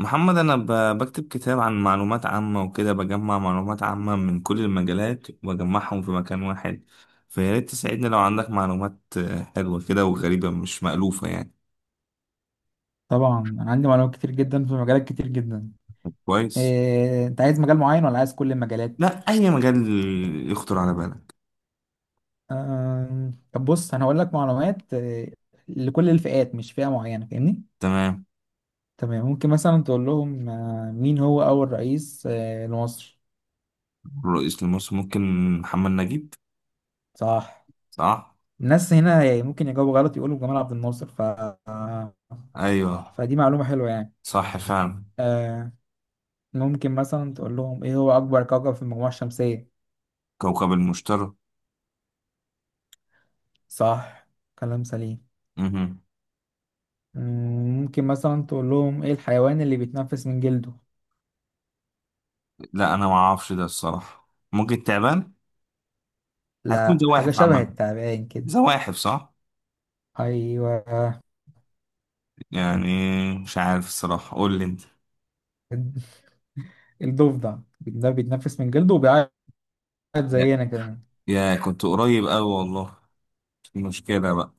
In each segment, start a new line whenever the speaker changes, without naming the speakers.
محمد، أنا بكتب كتاب عن معلومات عامة وكده بجمع معلومات عامة من كل المجالات وأجمعهم في مكان واحد. فيا ريت تساعدني لو عندك معلومات حلوة كده وغريبة مش مألوفة يعني.
طبعا، انا عندي معلومات كتير جدا في مجالات كتير جدا.
كويس.
انت عايز مجال معين ولا عايز كل المجالات؟
لا، أي مجال يخطر على بالك.
طب بص، انا هقول لك معلومات لكل الفئات، مش فئة معينة. فاهمني؟
تمام.
تمام. ممكن مثلا تقول لهم مين هو اول رئيس لمصر.
رئيس لمصر، ممكن محمد نجيب.
صح.
صح.
الناس هنا يعني ممكن يجاوبوا غلط، يقولوا جمال عبد الناصر،
أيوه.
فدي معلومة حلوة يعني.
صح فعلا.
آه، ممكن مثلا تقول لهم ايه هو اكبر كوكب في المجموعة الشمسية؟
كوكب المشتري.
صح، كلام سليم.
مهم.
ممكن مثلا تقول لهم ايه الحيوان اللي بيتنفس من جلده؟
لا أنا معرفش ده الصراحة، ممكن تعبان. هكون
لا، حاجة
زواحف
شبه
عامة.
التعبان كده.
زواحف صح.
ايوه،
يعني مش عارف الصراحة، قول لي انت.
الضفدع ده بيتنفس من جلده وبيعيط
يا
زينا كمان.
يا كنت قريب أوي والله. المشكلة بقى.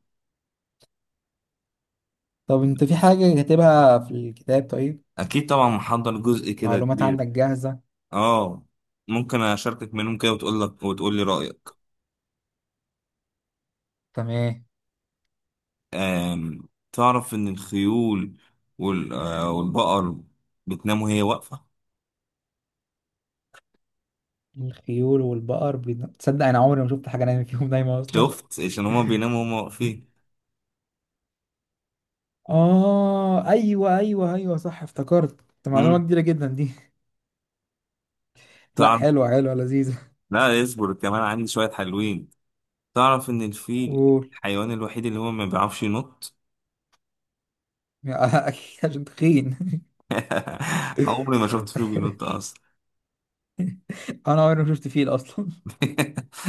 طب، انت في حاجة كاتبها في الكتاب؟ طيب،
أكيد طبعا، محضر جزء كده
معلومات عندك
كبير.
جاهزة.
اه. ممكن أشاركك منهم كده وتقول لك وتقول لي رأيك.
تمام.
تعرف إن الخيول والبقر بتنام وهي واقفة؟
الخيول والبقر تصدق انا عمري ما شفت حاجة نايمة فيهم، نايمة اصلا.
شفت، عشان هما بيناموا هما واقفين.
اه، ايوه، ايوه، ايوه، صح، افتكرت. ده معلومة
مم.
كبيرة جدا دي. لا،
تعرف.
حلوة حلوة، لذيذة.
لا اصبر، كمان عندي شوية حلوين. تعرف إن الفيل
قول.
الحيوان الوحيد اللي هو ما بيعرفش ينط؟
اكيد، عشان تخين.
عمري ما شفت فيه بينط اصلا.
انا عمري ما شفت فيل اصلا.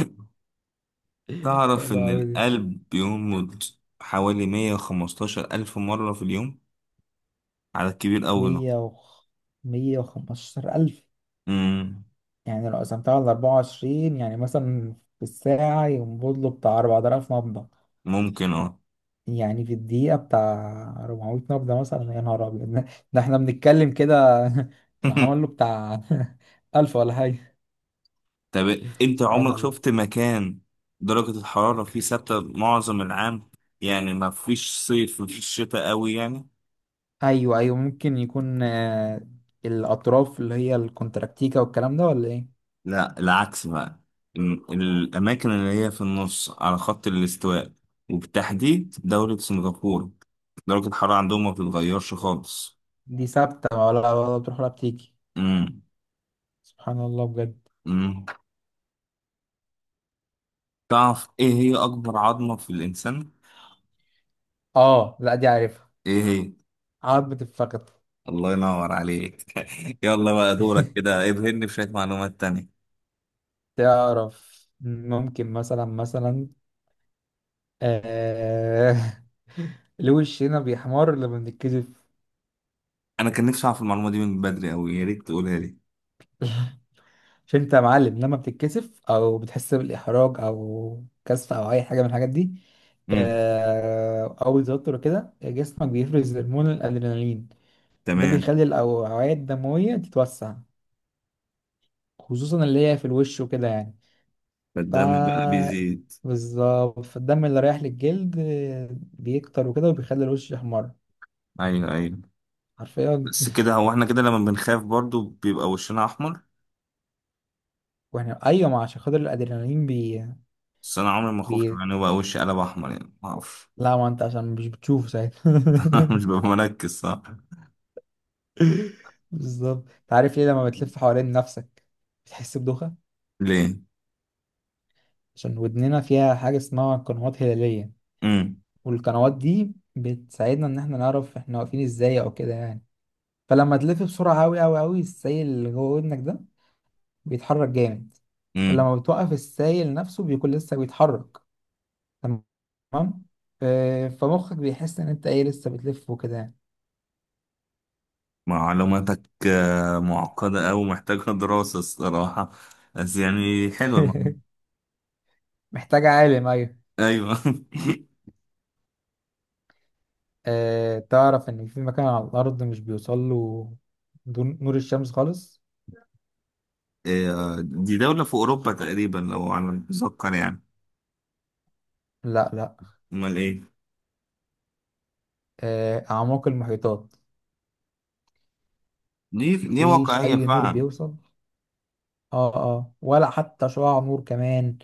تعرف
حلو
ان
قوي دي.
القلب بينبض حوالي 115 الف مرة في اليوم؟ على الكبير قوي ده.
مية وخ... 115,000؟
امم.
يعني لو قسمتها على 24، يعني مثلا في الساعة ينبض له بتاع 4000 نبضة.
ممكن اه.
يعني في الدقيقة بتاع 400 نبضة مثلا. يا نهار أبيض ده! ده احنا بنتكلم كده، أنا عمل له بتاع 1000 ولا حاجة.
طب انت
سبحان
عمرك
الله.
شفت مكان درجة الحرارة فيه ثابتة معظم العام؟ يعني ما فيش صيف ما فيش شتاء قوي يعني.
أيوه، أيوه، ممكن يكون الأطراف اللي هي الكونتراكتيكا والكلام ده، ولا إيه؟
لا العكس بقى. الأماكن اللي هي في النص على خط الاستواء، وبالتحديد دولة سنغافورة، درجة الحرارة عندهم ما بتتغيرش خالص.
دي ثابتة ولا بتروح ولا بتيجي؟
امم.
سبحان الله بجد.
امم. تعرف ايه هي أكبر عظمة في الإنسان؟
اه، لا، دي عارفها.
ايه هي؟
عظمة الفخذ.
الله ينور عليك. يلا بقى دورك، كده ابهرني بشوية معلومات تانية.
تعرف، ممكن مثلا آه... ليه وشنا بيحمر لما بنتكسف؟
أنا كان نفسي أعرف المعلومة دي من بدري أوي، يا ريت تقولها لي.
مش انت يا معلم لما بتتكسف او بتحس بالاحراج او كسف او اي حاجه من الحاجات دي،
امم.
او توتر كده، جسمك بيفرز هرمون الادرينالين. ده
تمام.
بيخلي الاوعيه الدمويه تتوسع، خصوصا اللي هي في الوش وكده يعني. ف
فالدم بقى بيزيد.
بالظبط. فالدم اللي رايح للجلد بيكتر وكده، وبيخلي الوش يحمر.
أيوه أيوه.
حرفيا.
بس كده هو احنا كده لما بنخاف برضو بيبقى وشنا أحمر.
واحنا، ايوه، ما عشان خاطر الادرينالين
بس انا عمري ما خفت
بي
من يبقى وشي قلب احمر يعني، ما اعرفش.
لا، ما انت عشان مش بتشوفه ساعتها.
مش ببقى مركز، صح.
بالظبط. انت عارف ليه لما بتلف حوالين نفسك بتحس بدوخة؟
ليه؟
عشان ودننا فيها حاجة اسمها قنوات هلالية،
امم.
والقنوات دي بتساعدنا ان احنا نعرف احنا واقفين ازاي او كده يعني. فلما تلف بسرعة اوي اوي اوي، السيل اللي جوه ودنك ده بيتحرك جامد.
امم.
ولما بتوقف، السائل نفسه بيكون لسه بيتحرك. تمام. فمخك بيحس ان انت ايه، لسه بتلف وكده يعني.
معلوماتك معقدة أوي، محتاجة دراسة الصراحة. بس يعني حلوة المعلومة.
محتاج عالم، ايوه.
أيوة
تعرف ان في مكان على الارض مش بيوصل له نور الشمس خالص؟
إيه، دي دولة في أوروبا تقريبا لو على ما أتذكر يعني.
لا، لا.
أمال إيه؟
اعماق المحيطات.
دي
مفيش
واقعية
اي نور
فعلا.
بيوصل. اه، اه، ولا حتى شعاع نور كمان،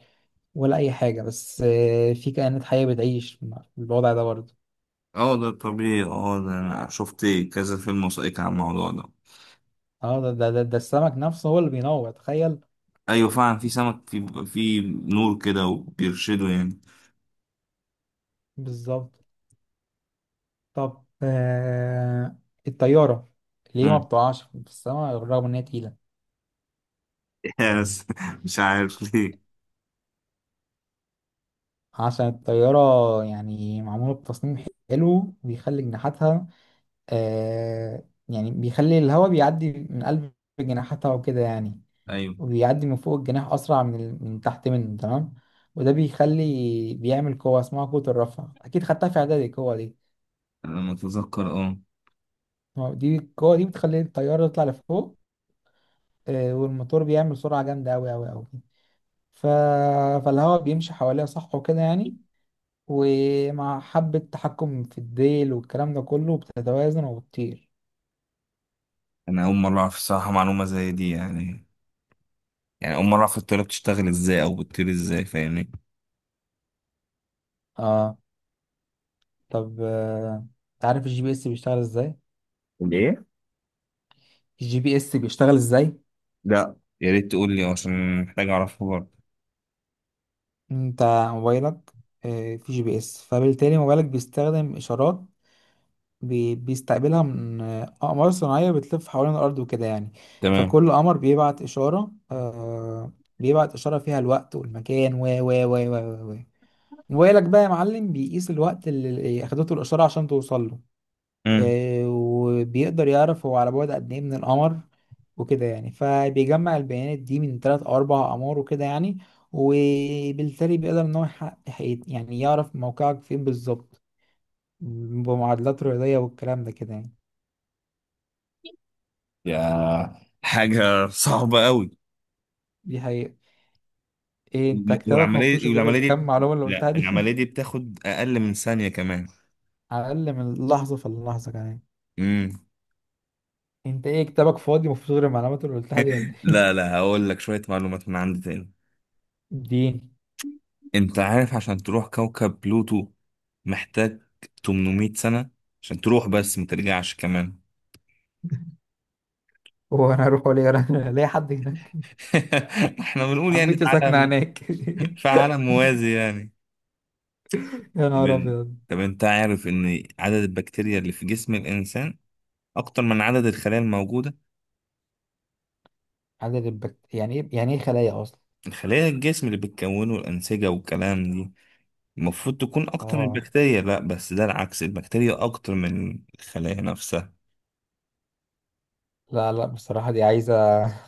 ولا اي حاجه. بس في كائنات حيه بتعيش في الوضع ده برضه.
اه ده طبيعي، اه ده أنا شفت كذا فيلم وثائقي عن الموضوع ده.
اه، ده السمك نفسه هو اللي بينور. تخيل.
أيوة فعلا، في سمك في نور كده وبيرشده يعني.
بالظبط. طب الطيارة، ليه ما بتقعش في السماء بالرغم ان هي تقيلة؟
يس مش عارف ليه.
عشان الطيارة يعني معمولة بتصميم حلو، بيخلي جناحاتها آه يعني بيخلي الهواء بيعدي من قلب جناحاتها وكده يعني.
ايوه.
وبيعدي من فوق الجناح أسرع من من تحت منه. تمام. وده بيخلي، بيعمل قوة اسمها قوة الرفع. أكيد خدتها في إعدادي، القوة دي.
انا متذكر اه.
ما هو دي، القوة دي بتخلي الطيارة تطلع لفوق. والموتور بيعمل سرعة جامدة أوي أوي أوي. ف... فالهواء بيمشي حواليها، صح وكده يعني. ومع حبة تحكم في الديل والكلام ده كله، بتتوازن وبتطير.
انا اول مره اعرف الصراحه معلومه زي دي يعني. يعني اول مره اعرف الطياره بتشتغل ازاي او بتطير ازاي، فاهمني.
اه. طب انت عارف الجي بي اس بيشتغل ازاي؟
ليه؟
الجي بي اس بيشتغل ازاي؟
لا، يا ريت تقول لي عشان محتاج اعرفها برضه.
انت، موبايلك فيه جي بي اس، فبالتالي موبايلك بيستخدم إشارات، بيستقبلها من أقمار صناعية بتلف حوالين الأرض وكده يعني.
تمام.
فكل قمر بيبعت إشارة فيها الوقت والمكان و موبايلك بقى يا معلم بيقيس الوقت اللي أخدته الإشارة عشان توصل له.
امم.
وبيقدر يعرف هو على بعد قد إيه من القمر وكده يعني. فبيجمع البيانات دي من تلات أو أربع أقمار وكده يعني، وبالتالي بيقدر إن هو يحقق، يعني يعرف موقعك فين بالظبط، بمعادلات رياضية والكلام ده كده يعني.
يا حاجه صعبه قوي.
دي حقيقة. ايه، انت كتابك ما فيهوش
والعمليه
غير
والعمليه دي،
الكم معلومة اللي
لا
قلتها دي؟
العمليه دي بتاخد اقل من ثانيه كمان.
على الأقل من اللحظة فاللحظة كمان.
امم.
انت ايه، كتابك فاضي ما فيهوش غير المعلومات اللي قلتها دي ولا
لا
ايه؟
لا، هقول لك شويه معلومات من عندي تاني.
اديني.
انت عارف عشان تروح كوكب بلوتو محتاج 800 سنة عشان تروح، بس ما ترجعش كمان.
هو انا اروح، ولا انا ليا حد هناك؟
احنا بنقول يعني في
عمتي ساكنة
عالم
هناك.
في عالم موازي يعني.
يا نهار ابيض.
طب انت عارف ان عدد البكتيريا اللي في جسم الانسان اكتر من عدد الخلايا الموجودة؟
عدد يعني ايه، خلايا اصلا؟
الخلايا الجسم اللي بتكونه الانسجة والكلام دي، المفروض تكون اكتر من
اه،
البكتيريا، لا بس ده العكس، البكتيريا اكتر من الخلايا نفسها.
لا، لا، بصراحة دي عايزة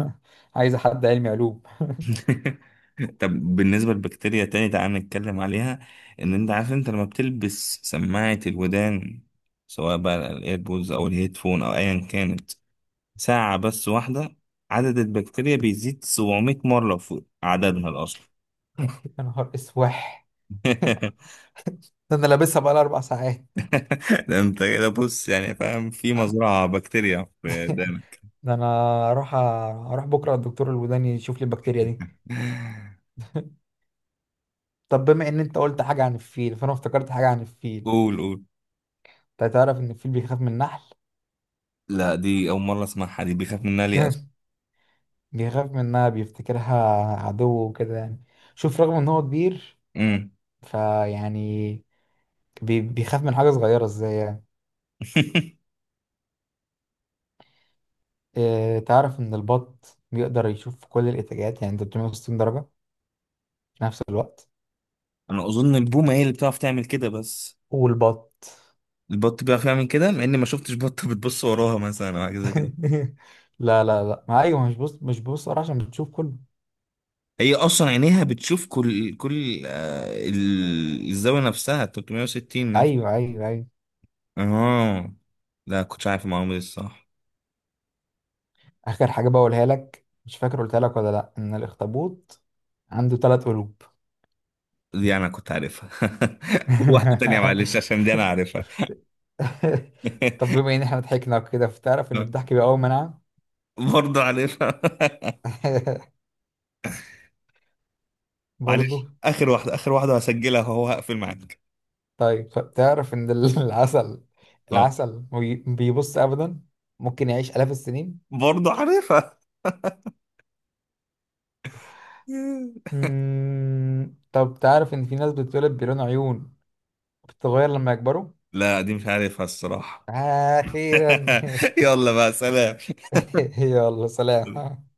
عايزة حد علمي علوم.
طب بالنسبة للبكتيريا تاني تعال نتكلم عليها. ان انت عارف انت لما بتلبس سماعة الودان، سواء بقى الايربودز او الهيدفون او ايا كانت، ساعة بس واحدة، عدد البكتيريا بيزيد 700 مرة فوق عددها الأصلي.
يا نهار اسوح. ده انا لابسها بقى 4 ساعات.
ده انت كده بص يعني، فاهم، في مزرعة بكتيريا في ودانك.
ده انا اروح أ- اروح بكرة الدكتور الوداني يشوف لي البكتيريا دي. طب بما ان انت قلت حاجة عن الفيل، فانا افتكرت حاجة عن الفيل.
قول قول.
انت تعرف ان الفيل بيخاف من النحل؟
لا دي أول مرة أسمعها، دي بيخاف منها ليه أصلا؟
بيخاف منها، بيفتكرها عدو وكده يعني. شوف، رغم ان هو كبير،
أمم.
فيعني بيخاف من حاجة صغيرة ازاي يعني. اه، تعرف ان البط بيقدر يشوف كل الاتجاهات، يعني 360 درجة في نفس الوقت؟
أنا أظن البومة هي اللي بتعرف تعمل كده بس.
والبط
البط بيعرف يعمل كده، مع اني ما شفتش بطه بتبص وراها مثلا او حاجه زي كده.
لا، لا، لا، ما ايوه، مش بص، مش بص، عشان بتشوف كله.
هي اصلا عينيها بتشوف كل الزاويه نفسها 360 نفس.
ايوه، ايوه، ايوه.
اه. لا كنتش عارف المعلومه دي الصح.
اخر حاجه بقولها لك، مش فاكر قلتها لك ولا لا، ان الاخطبوط عنده ثلاث قلوب.
دي انا كنت عارفها. قول واحده تانية معلش عشان دي انا عارفها.
طب بما ان احنا ضحكنا كده، فتعرف ان الضحك بيقوي مناعه.
برضه عارفها.
برضو.
معلش اخر واحده، اخر واحده هسجلها وهو هقفل معاك.
طيب تعرف ان العسل،
اه.
العسل ما بيبص ابدا، ممكن يعيش الاف السنين.
برضه عارفها.
طب تعرف ان في ناس بتتولد بلون عيون بتتغير لما يكبروا؟
لا دي مش عارفها الصراحه.
اخيرا.
يلا بقى، سلام.
يلا سلام.